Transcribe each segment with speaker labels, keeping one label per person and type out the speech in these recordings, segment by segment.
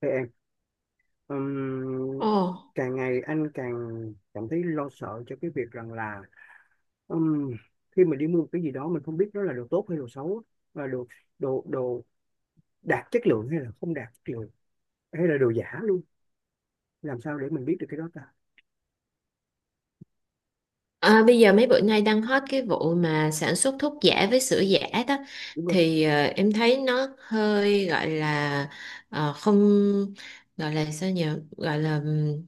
Speaker 1: Thưa em, ừm,
Speaker 2: Ồ,
Speaker 1: càng ngày anh càng cảm thấy lo sợ cho cái việc rằng là ừm, khi mình đi mua một cái gì đó mình không biết nó là đồ tốt hay đồ xấu và đồ đồ đồ đạt chất lượng hay là không đạt chất lượng hay là đồ giả luôn. Làm sao để mình biết được cái đó ta?
Speaker 2: bây giờ mấy bữa nay đang hot cái vụ mà sản xuất thuốc giả với sữa giả đó.
Speaker 1: Đúng không?
Speaker 2: Em thấy nó hơi gọi là ờ, không gọi là sao nhỉ, gọi là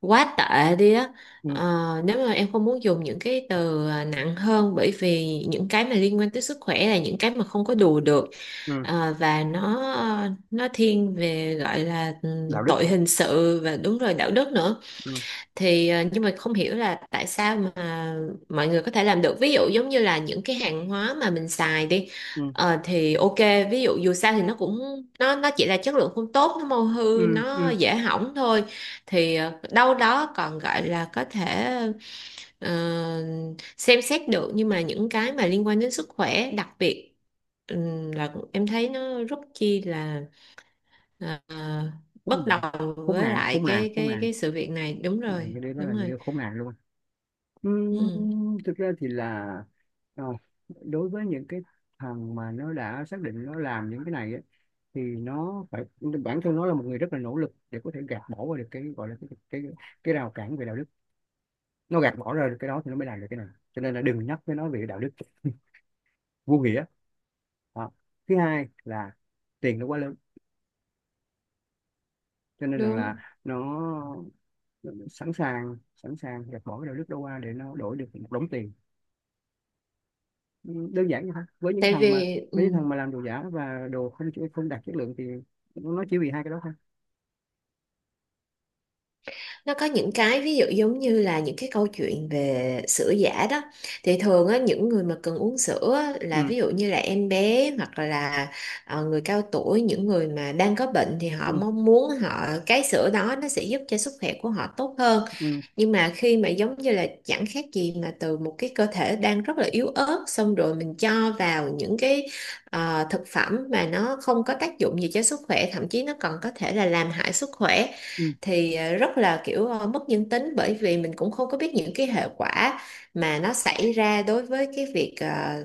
Speaker 2: quá tệ đi á.
Speaker 1: Ừ,
Speaker 2: Ờ, nếu mà em không muốn dùng những cái từ nặng hơn, bởi vì những cái mà liên quan tới sức khỏe là những cái mà không có đùa được.
Speaker 1: ừ.
Speaker 2: Ờ, và nó thiên về gọi là
Speaker 1: Đạo đức
Speaker 2: tội
Speaker 1: không.
Speaker 2: hình sự và đúng rồi, đạo đức nữa.
Speaker 1: Ừ,
Speaker 2: Nhưng mà không hiểu là tại sao mà mọi người có thể làm được. Ví dụ giống như là những cái hàng hóa mà mình xài đi,
Speaker 1: ừ,
Speaker 2: thì ok, ví dụ dù sao thì nó cũng nó chỉ là chất lượng không tốt, nó mau hư, nó
Speaker 1: ừ,
Speaker 2: dễ hỏng thôi, đâu đó còn gọi là có thể ờ, xem xét được. Nhưng mà những cái mà liên quan đến sức khỏe đặc biệt, là em thấy nó rất chi là ờ,
Speaker 1: ừ.
Speaker 2: bất đồng
Speaker 1: Khốn
Speaker 2: với
Speaker 1: nạn,
Speaker 2: lại
Speaker 1: khốn nạn,
Speaker 2: cái
Speaker 1: khốn
Speaker 2: cái
Speaker 1: nạn.
Speaker 2: cái sự việc này. Đúng
Speaker 1: Mình
Speaker 2: rồi,
Speaker 1: cái đấy đó
Speaker 2: đúng
Speaker 1: là
Speaker 2: rồi.
Speaker 1: video khốn nạn luôn á. Ừm,
Speaker 2: Ừ,
Speaker 1: Thực ra thì là ờ, đối với những cái thằng mà nó đã xác định nó làm những cái này ấy, thì nó phải, bản thân nó là một người rất là nỗ lực để có thể gạt bỏ qua được cái gọi là cái rào cản về đạo đức. Nó gạt bỏ ra được cái đó thì nó mới làm được cái này, cho nên là đừng nhắc với nó về đạo đức. Vô nghĩa. Đó. Thứ hai là tiền nó quá lớn, cho nên rằng là
Speaker 2: đúng.
Speaker 1: nó sẵn sàng, sẵn sàng gạt bỏ cái đạo đức đó qua để nó đổi được một đống tiền. Ừ, đơn giản vậy thôi với những
Speaker 2: Tại
Speaker 1: thằng mà
Speaker 2: vì
Speaker 1: làm đồ giả và đồ không không đạt chất lượng thì nó chỉ vì hai cái đó thôi.
Speaker 2: nó có những cái ví dụ giống như là những cái câu chuyện về sữa giả đó, thì thường á, những người mà cần uống sữa á, là
Speaker 1: Ừ,
Speaker 2: ví dụ như là em bé hoặc là người cao tuổi, những người mà đang có bệnh thì họ
Speaker 1: ừ,
Speaker 2: mong muốn họ cái sữa đó nó sẽ giúp cho sức khỏe của họ tốt hơn.
Speaker 1: ừ,
Speaker 2: Nhưng mà khi mà giống như là chẳng khác gì mà từ một cái cơ thể đang rất là yếu ớt, xong rồi mình cho vào những cái thực phẩm mà nó không có tác dụng gì cho sức khỏe, thậm chí nó còn có thể là làm hại sức khỏe,
Speaker 1: ừ,
Speaker 2: rất là kiểu mất nhân tính. Bởi vì mình cũng không có biết những cái hệ quả mà nó xảy ra đối với cái việc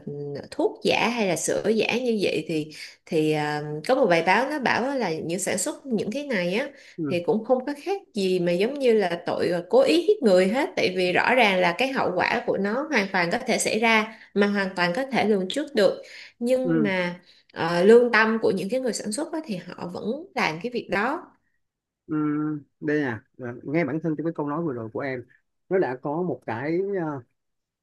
Speaker 2: thuốc giả hay là sữa giả như vậy. Có một bài báo nó bảo là những sản xuất những cái này á,
Speaker 1: ừ,
Speaker 2: thì cũng không có khác gì mà giống như là tội cố ý giết người hết. Tại vì rõ ràng là cái hậu quả của nó hoàn toàn có thể xảy ra mà hoàn toàn có thể lường trước được. Nhưng
Speaker 1: ừ,
Speaker 2: mà lương tâm của những cái người sản xuất á, thì họ vẫn làm cái việc đó.
Speaker 1: ừ. Đây nè, là ngay bản thân trong cái câu nói vừa rồi của em nó đã có một cái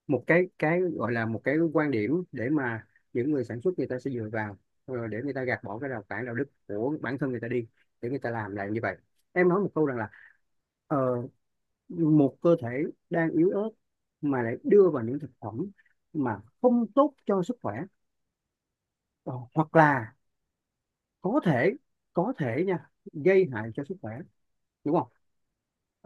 Speaker 1: một cái gọi là một cái quan điểm để mà những người sản xuất người ta sẽ dựa vào, để người ta gạt bỏ cái rào cản đạo đức của bản thân người ta đi, để người ta làm lại như vậy. Em nói một câu rằng là, ờ, một cơ thể đang yếu ớt mà lại đưa vào những thực phẩm mà không tốt cho sức khỏe. Ờ, hoặc là có thể có thể nha, gây hại cho sức khỏe, đúng không?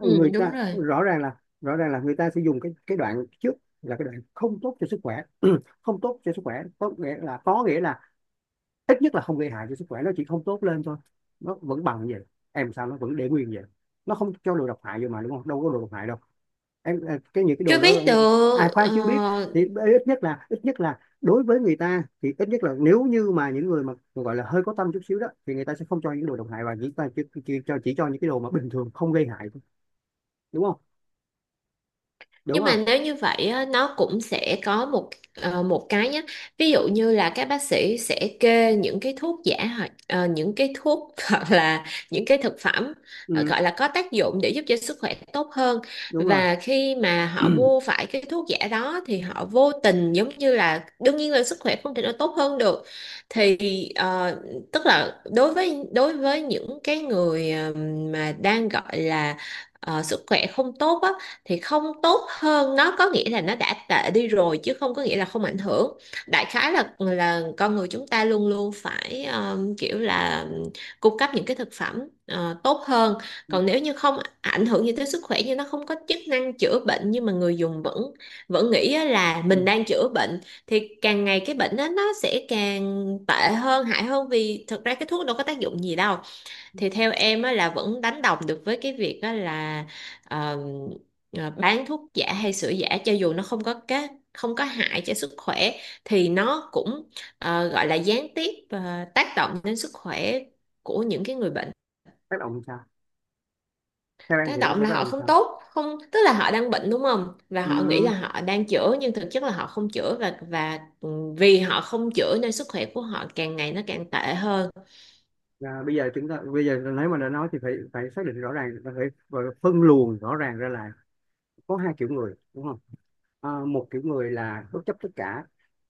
Speaker 2: Ừ, đúng
Speaker 1: ta
Speaker 2: rồi.
Speaker 1: rõ ràng là người ta sẽ dùng cái đoạn trước, là cái đoạn không tốt cho sức khỏe. Không tốt cho sức khỏe có nghĩa là ít nhất là không gây hại cho sức khỏe, nó chỉ không tốt lên thôi. Nó vẫn bằng vậy, em sao nó vẫn để nguyên vậy. Nó không cho đồ độc hại vô mà, đúng không, đâu có đồ độc hại đâu. Em cái những cái
Speaker 2: Chưa
Speaker 1: đồ đó.
Speaker 2: biết
Speaker 1: Ai,
Speaker 2: được
Speaker 1: khoan, chưa biết. Thì ít nhất là đối với người ta thì ít nhất là nếu như mà những người mà gọi là hơi có tâm chút xíu đó, thì người ta sẽ không cho những đồ độc hại và người ta chỉ cho những cái đồ mà bình thường không gây hại thôi, đúng không? Đúng
Speaker 2: Nhưng
Speaker 1: không?
Speaker 2: mà nếu như vậy á, nó cũng sẽ có một một cái nhé. Ví dụ như là các bác sĩ sẽ kê những cái thuốc giả, hoặc những cái thuốc hoặc là những cái thực phẩm
Speaker 1: Ừ,
Speaker 2: gọi là có tác dụng để giúp cho sức khỏe tốt hơn.
Speaker 1: đúng rồi.
Speaker 2: Và khi mà họ mua phải cái thuốc giả đó thì họ vô tình giống như là đương nhiên là sức khỏe không thể nào tốt hơn được. Thì ờ, Tức là đối với những cái người mà đang gọi là sức khỏe không tốt á, thì không tốt hơn nó có nghĩa là nó đã tệ đi rồi, chứ không có nghĩa là không ảnh hưởng. Đại khái là con người chúng ta luôn luôn phải kiểu là cung cấp những cái thực phẩm tốt hơn.
Speaker 1: Ừ.
Speaker 2: Còn nếu như không ảnh hưởng gì tới sức khỏe, như nó không có chức năng chữa bệnh nhưng mà người dùng vẫn vẫn nghĩ á là mình
Speaker 1: Ừ.
Speaker 2: đang chữa bệnh, thì càng ngày cái bệnh đó nó sẽ càng tệ hơn, hại hơn, vì thực ra cái thuốc đâu có tác dụng gì đâu. Thì theo em á, là vẫn đánh đồng được với cái việc á, là ờ, bán thuốc giả hay sữa giả. Cho dù nó không có hại cho sức khỏe thì nó cũng gọi là gián tiếp tác động đến sức khỏe của những cái người bệnh.
Speaker 1: Tác động làm sao? Theo em
Speaker 2: Tác
Speaker 1: thì nó
Speaker 2: động
Speaker 1: sẽ
Speaker 2: là
Speaker 1: tác động
Speaker 2: họ
Speaker 1: làm
Speaker 2: không
Speaker 1: sao?
Speaker 2: tốt không, tức là họ đang bệnh đúng không, và
Speaker 1: Ừ.
Speaker 2: họ nghĩ là họ đang chữa nhưng thực chất là họ không chữa. Vì họ không chữa nên sức khỏe của họ càng ngày nó càng tệ hơn.
Speaker 1: À, bây giờ chúng ta, bây giờ nếu mà đã nói thì phải phải xác định rõ ràng và phân luồng rõ ràng ra là có hai kiểu người, đúng không? À, một kiểu người là bất chấp tất cả,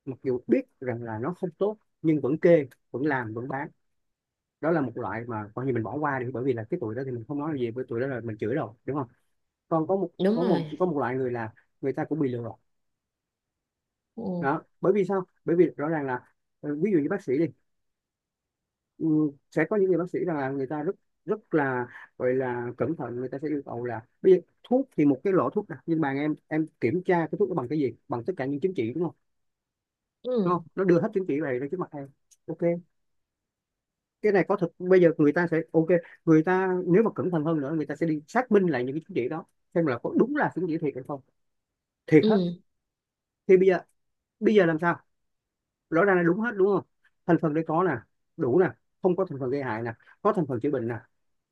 Speaker 1: mặc dù biết rằng là nó không tốt nhưng vẫn kê, vẫn làm, vẫn bán. Đó là một loại mà coi như mình bỏ qua đi, bởi vì là cái tuổi đó thì mình không nói gì, bởi tuổi đó là mình chửi rồi, đúng không? Còn có một
Speaker 2: Đúng
Speaker 1: có một
Speaker 2: rồi.
Speaker 1: có một loại người là người ta cũng bị lừa.
Speaker 2: Ừ.
Speaker 1: Đó, bởi vì sao? Bởi vì rõ ràng là, ví dụ như bác sĩ đi. Ừ, sẽ có những người bác sĩ rằng là người ta rất, rất là, gọi là, cẩn thận, người ta sẽ yêu cầu là bây giờ thuốc thì một cái lọ thuốc nè, nhưng mà em kiểm tra cái thuốc đó bằng cái gì, bằng tất cả những chứng chỉ, đúng không? Đúng
Speaker 2: Ừ.
Speaker 1: không? Nó đưa hết chứng chỉ về ra trước mặt em. OK, cái này có thật. Bây giờ người ta sẽ OK, người ta nếu mà cẩn thận hơn nữa người ta sẽ đi xác minh lại những cái chứng chỉ đó, xem là có đúng là chứng chỉ thiệt hay không. Thiệt
Speaker 2: Ừ.
Speaker 1: hết. Thì bây giờ làm sao? Rõ ràng là đúng hết, đúng không? Thành phần đây có nè, đủ nè, không có thành phần gây hại nè, có thành phần chữa bệnh nè,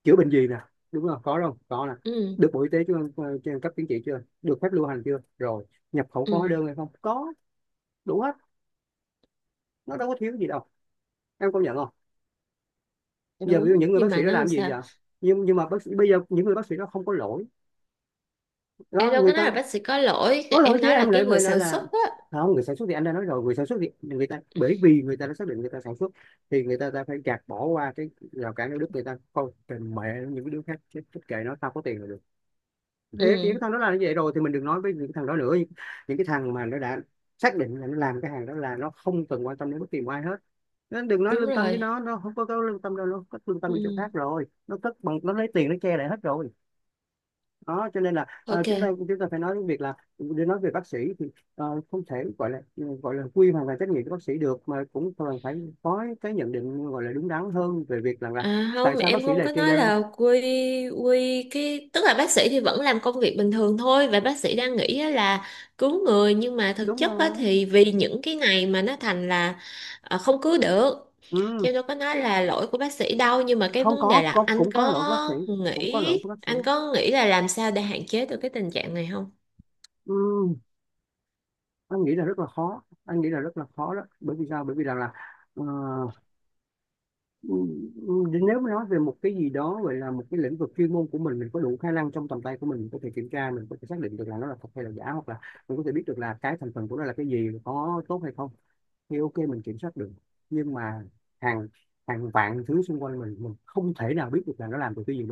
Speaker 1: chữa bệnh gì nè, đúng không, có không, có nè.
Speaker 2: Ừ,
Speaker 1: Được bộ y tế chưa? Ờ, Chưa, cấp chứng chỉ chưa, được phép lưu hành chưa, rồi. Nhập khẩu có hóa
Speaker 2: ừ.
Speaker 1: đơn hay không, có. Đủ hết, nó đâu có thiếu gì đâu, em công nhận không? Giờ ví dụ
Speaker 2: Đúng,
Speaker 1: những người
Speaker 2: nhưng
Speaker 1: bác sĩ
Speaker 2: mà
Speaker 1: đó
Speaker 2: nó làm
Speaker 1: làm gì
Speaker 2: sao?
Speaker 1: vậy? Nhưng mà bác sĩ, bây giờ những người bác sĩ đó không có lỗi,
Speaker 2: Em
Speaker 1: đó
Speaker 2: đâu
Speaker 1: người
Speaker 2: có nói là
Speaker 1: ta
Speaker 2: bác sĩ có lỗi,
Speaker 1: có lỗi
Speaker 2: em
Speaker 1: chứ
Speaker 2: nói là
Speaker 1: em
Speaker 2: cái
Speaker 1: lại
Speaker 2: người
Speaker 1: mời nó
Speaker 2: sản
Speaker 1: là
Speaker 2: xuất á.
Speaker 1: không. Người sản xuất thì anh đã nói rồi, người sản xuất thì người ta, bởi vì người ta đã xác định người ta sản xuất, thì ta phải gạt bỏ qua cái rào cản đạo đức, người ta coi kệ mẹ những cái đứa khác chết, chết kệ nó, tao có tiền là được. Thế thì cái
Speaker 2: Ừ,
Speaker 1: thằng đó làm như vậy rồi thì mình đừng nói với những cái thằng đó nữa, những cái thằng mà nó đã xác định là nó làm cái hàng đó là nó không cần quan tâm đến bất kỳ một ai hết. Nên đừng nói
Speaker 2: đúng
Speaker 1: lương tâm với
Speaker 2: rồi.
Speaker 1: nó không có lương tâm đâu, nó cất lương tâm
Speaker 2: Ừ.
Speaker 1: đi chỗ khác rồi, nó cất bằng nó lấy tiền nó che lại hết rồi. Đó, cho nên là,
Speaker 2: Ok.
Speaker 1: chúng ta phải nói đến việc là, để nói về bác sĩ thì không thể gọi là, gọi là quy hoàn toàn trách nhiệm của bác sĩ được, mà cũng cần phải có cái nhận định gọi là đúng đắn hơn về việc rằng là
Speaker 2: À
Speaker 1: tại
Speaker 2: không,
Speaker 1: sao bác
Speaker 2: em
Speaker 1: sĩ
Speaker 2: không
Speaker 1: lại
Speaker 2: có
Speaker 1: kê
Speaker 2: nói
Speaker 1: đơn.
Speaker 2: là quy. Quy cái Tức là bác sĩ thì vẫn làm công việc bình thường thôi, và bác sĩ đang nghĩ á là cứu người, nhưng mà thực
Speaker 1: Đúng
Speaker 2: chất á
Speaker 1: rồi.
Speaker 2: thì vì những cái này mà nó thành là không cứu được.
Speaker 1: Ừ.
Speaker 2: Chứ em đâu có nói là lỗi của bác sĩ đâu. Nhưng mà cái
Speaker 1: Không,
Speaker 2: vấn đề
Speaker 1: có,
Speaker 2: là
Speaker 1: có cũng có lỗi của bác sĩ, cũng có lỗi của bác sĩ.
Speaker 2: anh có nghĩ là làm sao để hạn chế được cái tình trạng này không?
Speaker 1: Ừm, anh nghĩ là rất là khó, anh nghĩ là rất là khó, đó bởi vì sao, bởi vì rằng là ờ, nếu mà nói về một cái gì đó gọi là một cái lĩnh vực chuyên môn của mình có đủ khả năng trong tầm tay của mình có thể kiểm tra, mình có thể xác định được là nó là thật hay là giả, hoặc là mình có thể biết được là cái thành phần của nó là cái gì, có tốt hay không, thì OK, mình kiểm soát được. Nhưng mà hàng hàng vạn thứ xung quanh mình không thể nào biết được là nó làm từ cái gì,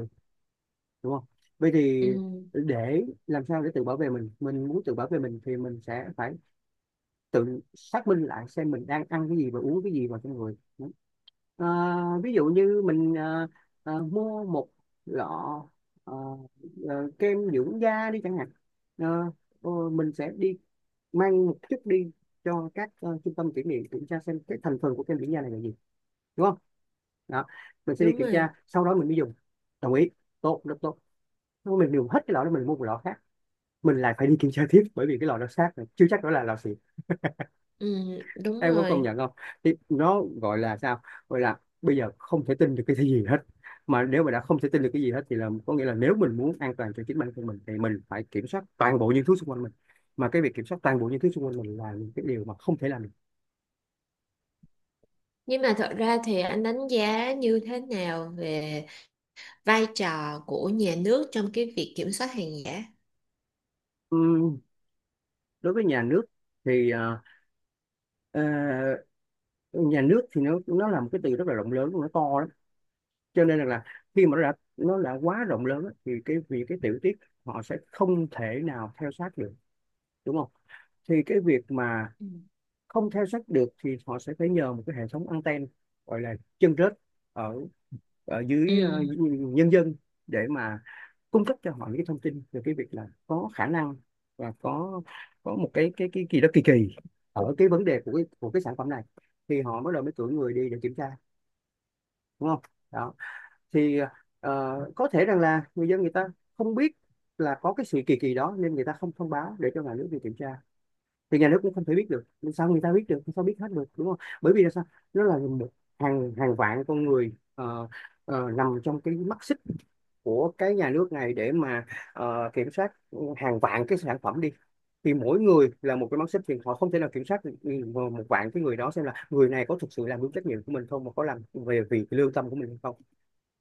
Speaker 1: đúng không? Vậy
Speaker 2: Ừ,
Speaker 1: thì để làm sao để tự bảo vệ mình muốn tự bảo vệ mình thì mình sẽ phải tự xác minh lại xem mình đang ăn cái gì và uống cái gì vào trong người. Ờ, ví dụ như mình mua một lọ ờ, kem dưỡng da đi chẳng hạn. Ờ, mình sẽ đi mang một chút đi cho các trung tâm kiểm nghiệm kiểm tra xem cái thành phần của kem dưỡng da này là gì, đúng không? Đó, mình sẽ đi
Speaker 2: đúng
Speaker 1: kiểm tra
Speaker 2: rồi.
Speaker 1: sau đó mình mới dùng. Đồng ý. Tốt, rất tốt. Nếu mình dùng hết cái lọ đó mình mua một lọ khác, mình lại phải đi kiểm tra tiếp, bởi vì cái lọ đó xác rồi, chưa chắc đó là lọ xịn,
Speaker 2: Ừ, đúng
Speaker 1: em có công
Speaker 2: rồi.
Speaker 1: nhận không? Thì nó gọi là sao, gọi là bây giờ không thể tin được cái gì hết, mà nếu mà đã không thể tin được cái gì hết thì là có nghĩa là nếu mình muốn an toàn cho chính bản thân mình thì mình phải kiểm soát toàn bộ những thứ xung quanh mình, mà cái việc kiểm soát toàn bộ những thứ xung quanh mình là những cái điều mà không thể làm được.
Speaker 2: Nhưng mà thật ra thì anh đánh giá như thế nào về vai trò của nhà nước trong cái việc kiểm soát hàng giả?
Speaker 1: Ừm, Đối với nhà nước thì ờ, nhà nước thì nó là một cái từ rất là rộng lớn, nó to lắm. Cho nên rằng là khi mà nó đã quá rộng lớn á, thì cái, vì cái tiểu tiết họ sẽ không thể nào theo sát được, đúng không? Thì cái việc mà
Speaker 2: Ừ.
Speaker 1: không theo sát được thì họ sẽ phải nhờ một cái hệ thống anten, gọi là chân rết, ở ở dưới
Speaker 2: Ừ.
Speaker 1: nhân dân, để mà cung cấp cho họ những cái thông tin về cái việc Là có khả năng và có một cái gì đó kỳ kỳ ở cái vấn đề của cái sản phẩm này, thì họ bắt đầu mới cử người đi để kiểm tra, đúng không? Đó thì ờ, có thể rằng là người dân người ta không biết là có cái sự kỳ kỳ đó nên người ta không thông báo để cho nhà nước đi kiểm tra, thì nhà nước cũng không thể biết được. Làm sao người ta biết được? Làm sao biết hết được, đúng không? Bởi vì là sao, nó là một hàng hàng vạn con người nằm trong cái mắt xích của cái nhà nước này để mà kiểm soát hàng vạn cái sản phẩm đi, thì mỗi người là một cái mắt xích, thì họ không thể nào kiểm soát được một vạn cái người đó, xem là người này có thực sự làm đúng trách nhiệm của mình không, mà có làm về vì cái lương tâm của mình hay không.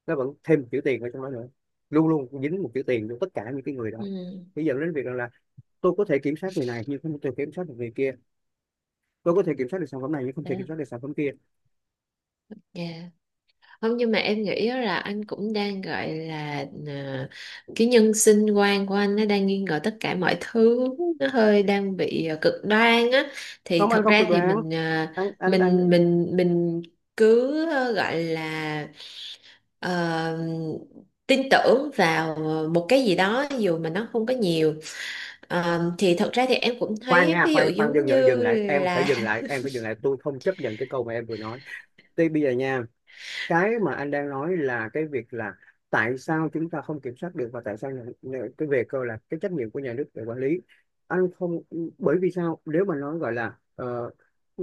Speaker 1: Nó vẫn thêm một chữ tiền ở trong đó nữa, luôn luôn dính một chữ tiền cho tất cả những cái người đó.
Speaker 2: Ừ.
Speaker 1: Bây giờ đến việc rằng là tôi có thể kiểm soát người này nhưng không thể kiểm soát được người kia, tôi có thể kiểm soát được sản phẩm này nhưng không thể
Speaker 2: À,
Speaker 1: kiểm soát được sản phẩm kia.
Speaker 2: dạ. Không, nhưng mà em nghĩ á là anh cũng đang gọi là cái nhân sinh quan của anh nó đang nghi ngờ tất cả mọi thứ, nó hơi đang bị cực đoan á. Thì
Speaker 1: Không, anh
Speaker 2: thật
Speaker 1: không
Speaker 2: ra
Speaker 1: cực
Speaker 2: thì
Speaker 1: đoan.
Speaker 2: mình
Speaker 1: Anh.
Speaker 2: mình cứ gọi là ờ, tin tưởng vào một cái gì đó dù mà nó không có nhiều. Ờ, thì thật ra thì em cũng
Speaker 1: Khoan
Speaker 2: thấy
Speaker 1: nha,
Speaker 2: ví dụ
Speaker 1: khoan khoan,
Speaker 2: giống
Speaker 1: dừng dừng
Speaker 2: như
Speaker 1: dừng lại, em phải
Speaker 2: là
Speaker 1: dừng lại, em phải dừng lại, tôi không chấp nhận cái câu mà em vừa nói. Thì bây giờ nha, cái mà anh đang nói là cái việc là tại sao chúng ta không kiểm soát được, và tại sao nhà, nhà, cái về cơ là cái trách nhiệm của nhà nước để quản lý. Anh không, bởi vì sao, nếu mà nói gọi là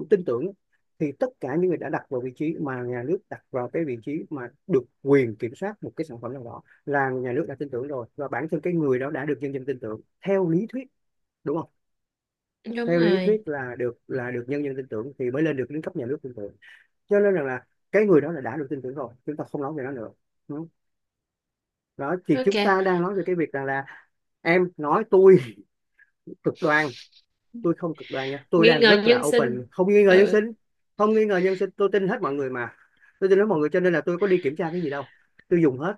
Speaker 1: tin tưởng, thì tất cả những người đã đặt vào vị trí mà nhà nước đặt vào cái vị trí mà được quyền kiểm soát một cái sản phẩm nào đó là nhà nước đã tin tưởng rồi, và bản thân cái người đó đã được nhân dân tin tưởng theo lý thuyết, đúng không?
Speaker 2: đúng
Speaker 1: Theo lý
Speaker 2: rồi.
Speaker 1: thuyết là được nhân dân tin tưởng thì mới lên được đến cấp nhà nước tin tưởng, cho nên rằng là cái người đó là đã được tin tưởng rồi, chúng ta không nói về nó nữa. Đúng. Đó thì chúng
Speaker 2: Ok,
Speaker 1: ta đang nói về cái việc rằng là em nói tôi cực đoan. Tôi không cực đoan nha, tôi
Speaker 2: nghi
Speaker 1: đang
Speaker 2: ngờ
Speaker 1: rất là
Speaker 2: nhân sinh.
Speaker 1: open, không nghi ngờ nhân
Speaker 2: Ừ.
Speaker 1: sinh, không nghi ngờ nhân sinh, tôi tin hết mọi người mà. Tôi tin hết mọi người cho nên là tôi có đi kiểm tra cái gì đâu, tôi dùng hết,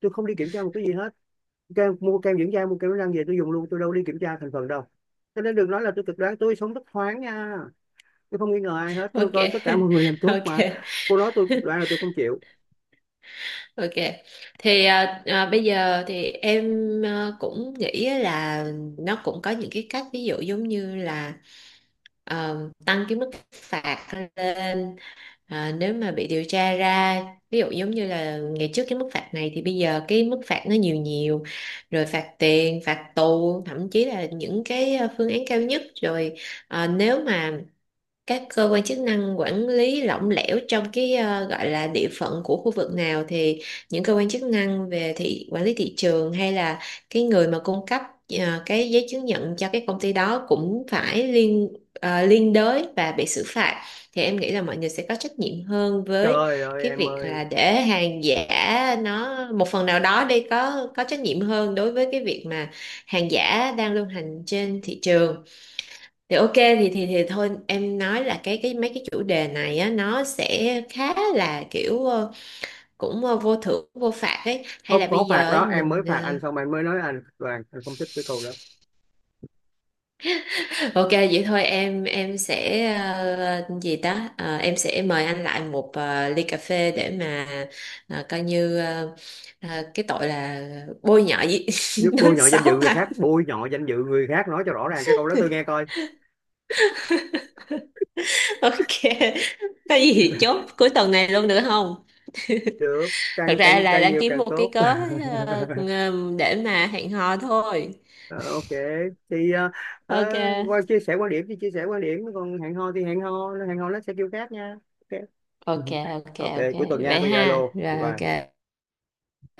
Speaker 1: tôi không đi kiểm tra một cái gì hết. Kem, mua kem dưỡng da, mua kem đánh răng về tôi dùng luôn, tôi đâu đi kiểm tra thành phần đâu. Cho nên đừng nói là tôi cực đoan, tôi sống rất thoáng nha, tôi không nghi ngờ ai hết, tôi
Speaker 2: Ok.
Speaker 1: coi tất cả mọi người làm tốt
Speaker 2: Ok.
Speaker 1: mà. Cô nói tôi cực đoan là tôi không chịu.
Speaker 2: Ok, thì bây giờ thì em cũng nghĩ là nó cũng có những cái cách, ví dụ giống như là tăng cái mức phạt lên nếu mà bị điều tra ra. Ví dụ giống như là ngày trước cái mức phạt này thì bây giờ cái mức phạt nó nhiều nhiều rồi, phạt tiền, phạt tù, thậm chí là những cái phương án cao nhất rồi. Ờ, nếu mà các cơ quan chức năng quản lý lỏng lẻo trong cái gọi là địa phận của khu vực nào, thì những cơ quan chức năng về thị quản lý thị trường hay là cái người mà cung cấp cái giấy chứng nhận cho cái công ty đó cũng phải liên liên đới và bị xử phạt. Thì em nghĩ là mọi người sẽ có trách nhiệm hơn với
Speaker 1: Trời ơi
Speaker 2: cái
Speaker 1: em
Speaker 2: việc
Speaker 1: ơi,
Speaker 2: là để hàng giả nó một phần nào đó đi, có trách nhiệm hơn đối với cái việc mà hàng giả đang lưu hành trên thị trường. Thì ok, thì thôi, em nói là cái mấy cái chủ đề này á, nó sẽ khá là kiểu cũng vô thưởng vô phạt ấy. Hay là
Speaker 1: không
Speaker 2: bây
Speaker 1: có
Speaker 2: giờ
Speaker 1: phạt
Speaker 2: ấy,
Speaker 1: đó. Em mới
Speaker 2: mình
Speaker 1: phạt anh xong, anh mới nói anh Đoàn anh không thích cái câu đó.
Speaker 2: ờ, ok vậy thôi, em sẽ gì ta. Ờ, em sẽ mời anh lại một ly cà phê để mà coi như cái tội là bôi nhọ gì.
Speaker 1: Giúp.
Speaker 2: Nói
Speaker 1: Bôi nhọ danh
Speaker 2: xấu
Speaker 1: dự người
Speaker 2: anh.
Speaker 1: khác, bôi nhọ danh dự người khác, nói cho rõ ràng cái câu đó tôi nghe coi.
Speaker 2: Ok, có gì thì chốt cuối tuần này luôn được không?
Speaker 1: Được.
Speaker 2: Thật
Speaker 1: Càng
Speaker 2: ra
Speaker 1: càng
Speaker 2: là
Speaker 1: càng
Speaker 2: đang
Speaker 1: nhiều
Speaker 2: kiếm
Speaker 1: càng
Speaker 2: một cái
Speaker 1: tốt.
Speaker 2: cớ để mà hẹn hò thôi.
Speaker 1: Ờ, ok. Thì
Speaker 2: Ok.
Speaker 1: ờ, qua chia sẻ quan điểm thì chia sẻ quan điểm, còn hẹn hò thì hẹn hò. Hẹn hò nó sẽ kêu khác nha. Ok.
Speaker 2: Ok. Ok.
Speaker 1: Ok,
Speaker 2: Ok,
Speaker 1: cuối tuần nha
Speaker 2: vậy
Speaker 1: cô.
Speaker 2: ha,
Speaker 1: Zalo. Bye
Speaker 2: rồi
Speaker 1: bye.
Speaker 2: ok.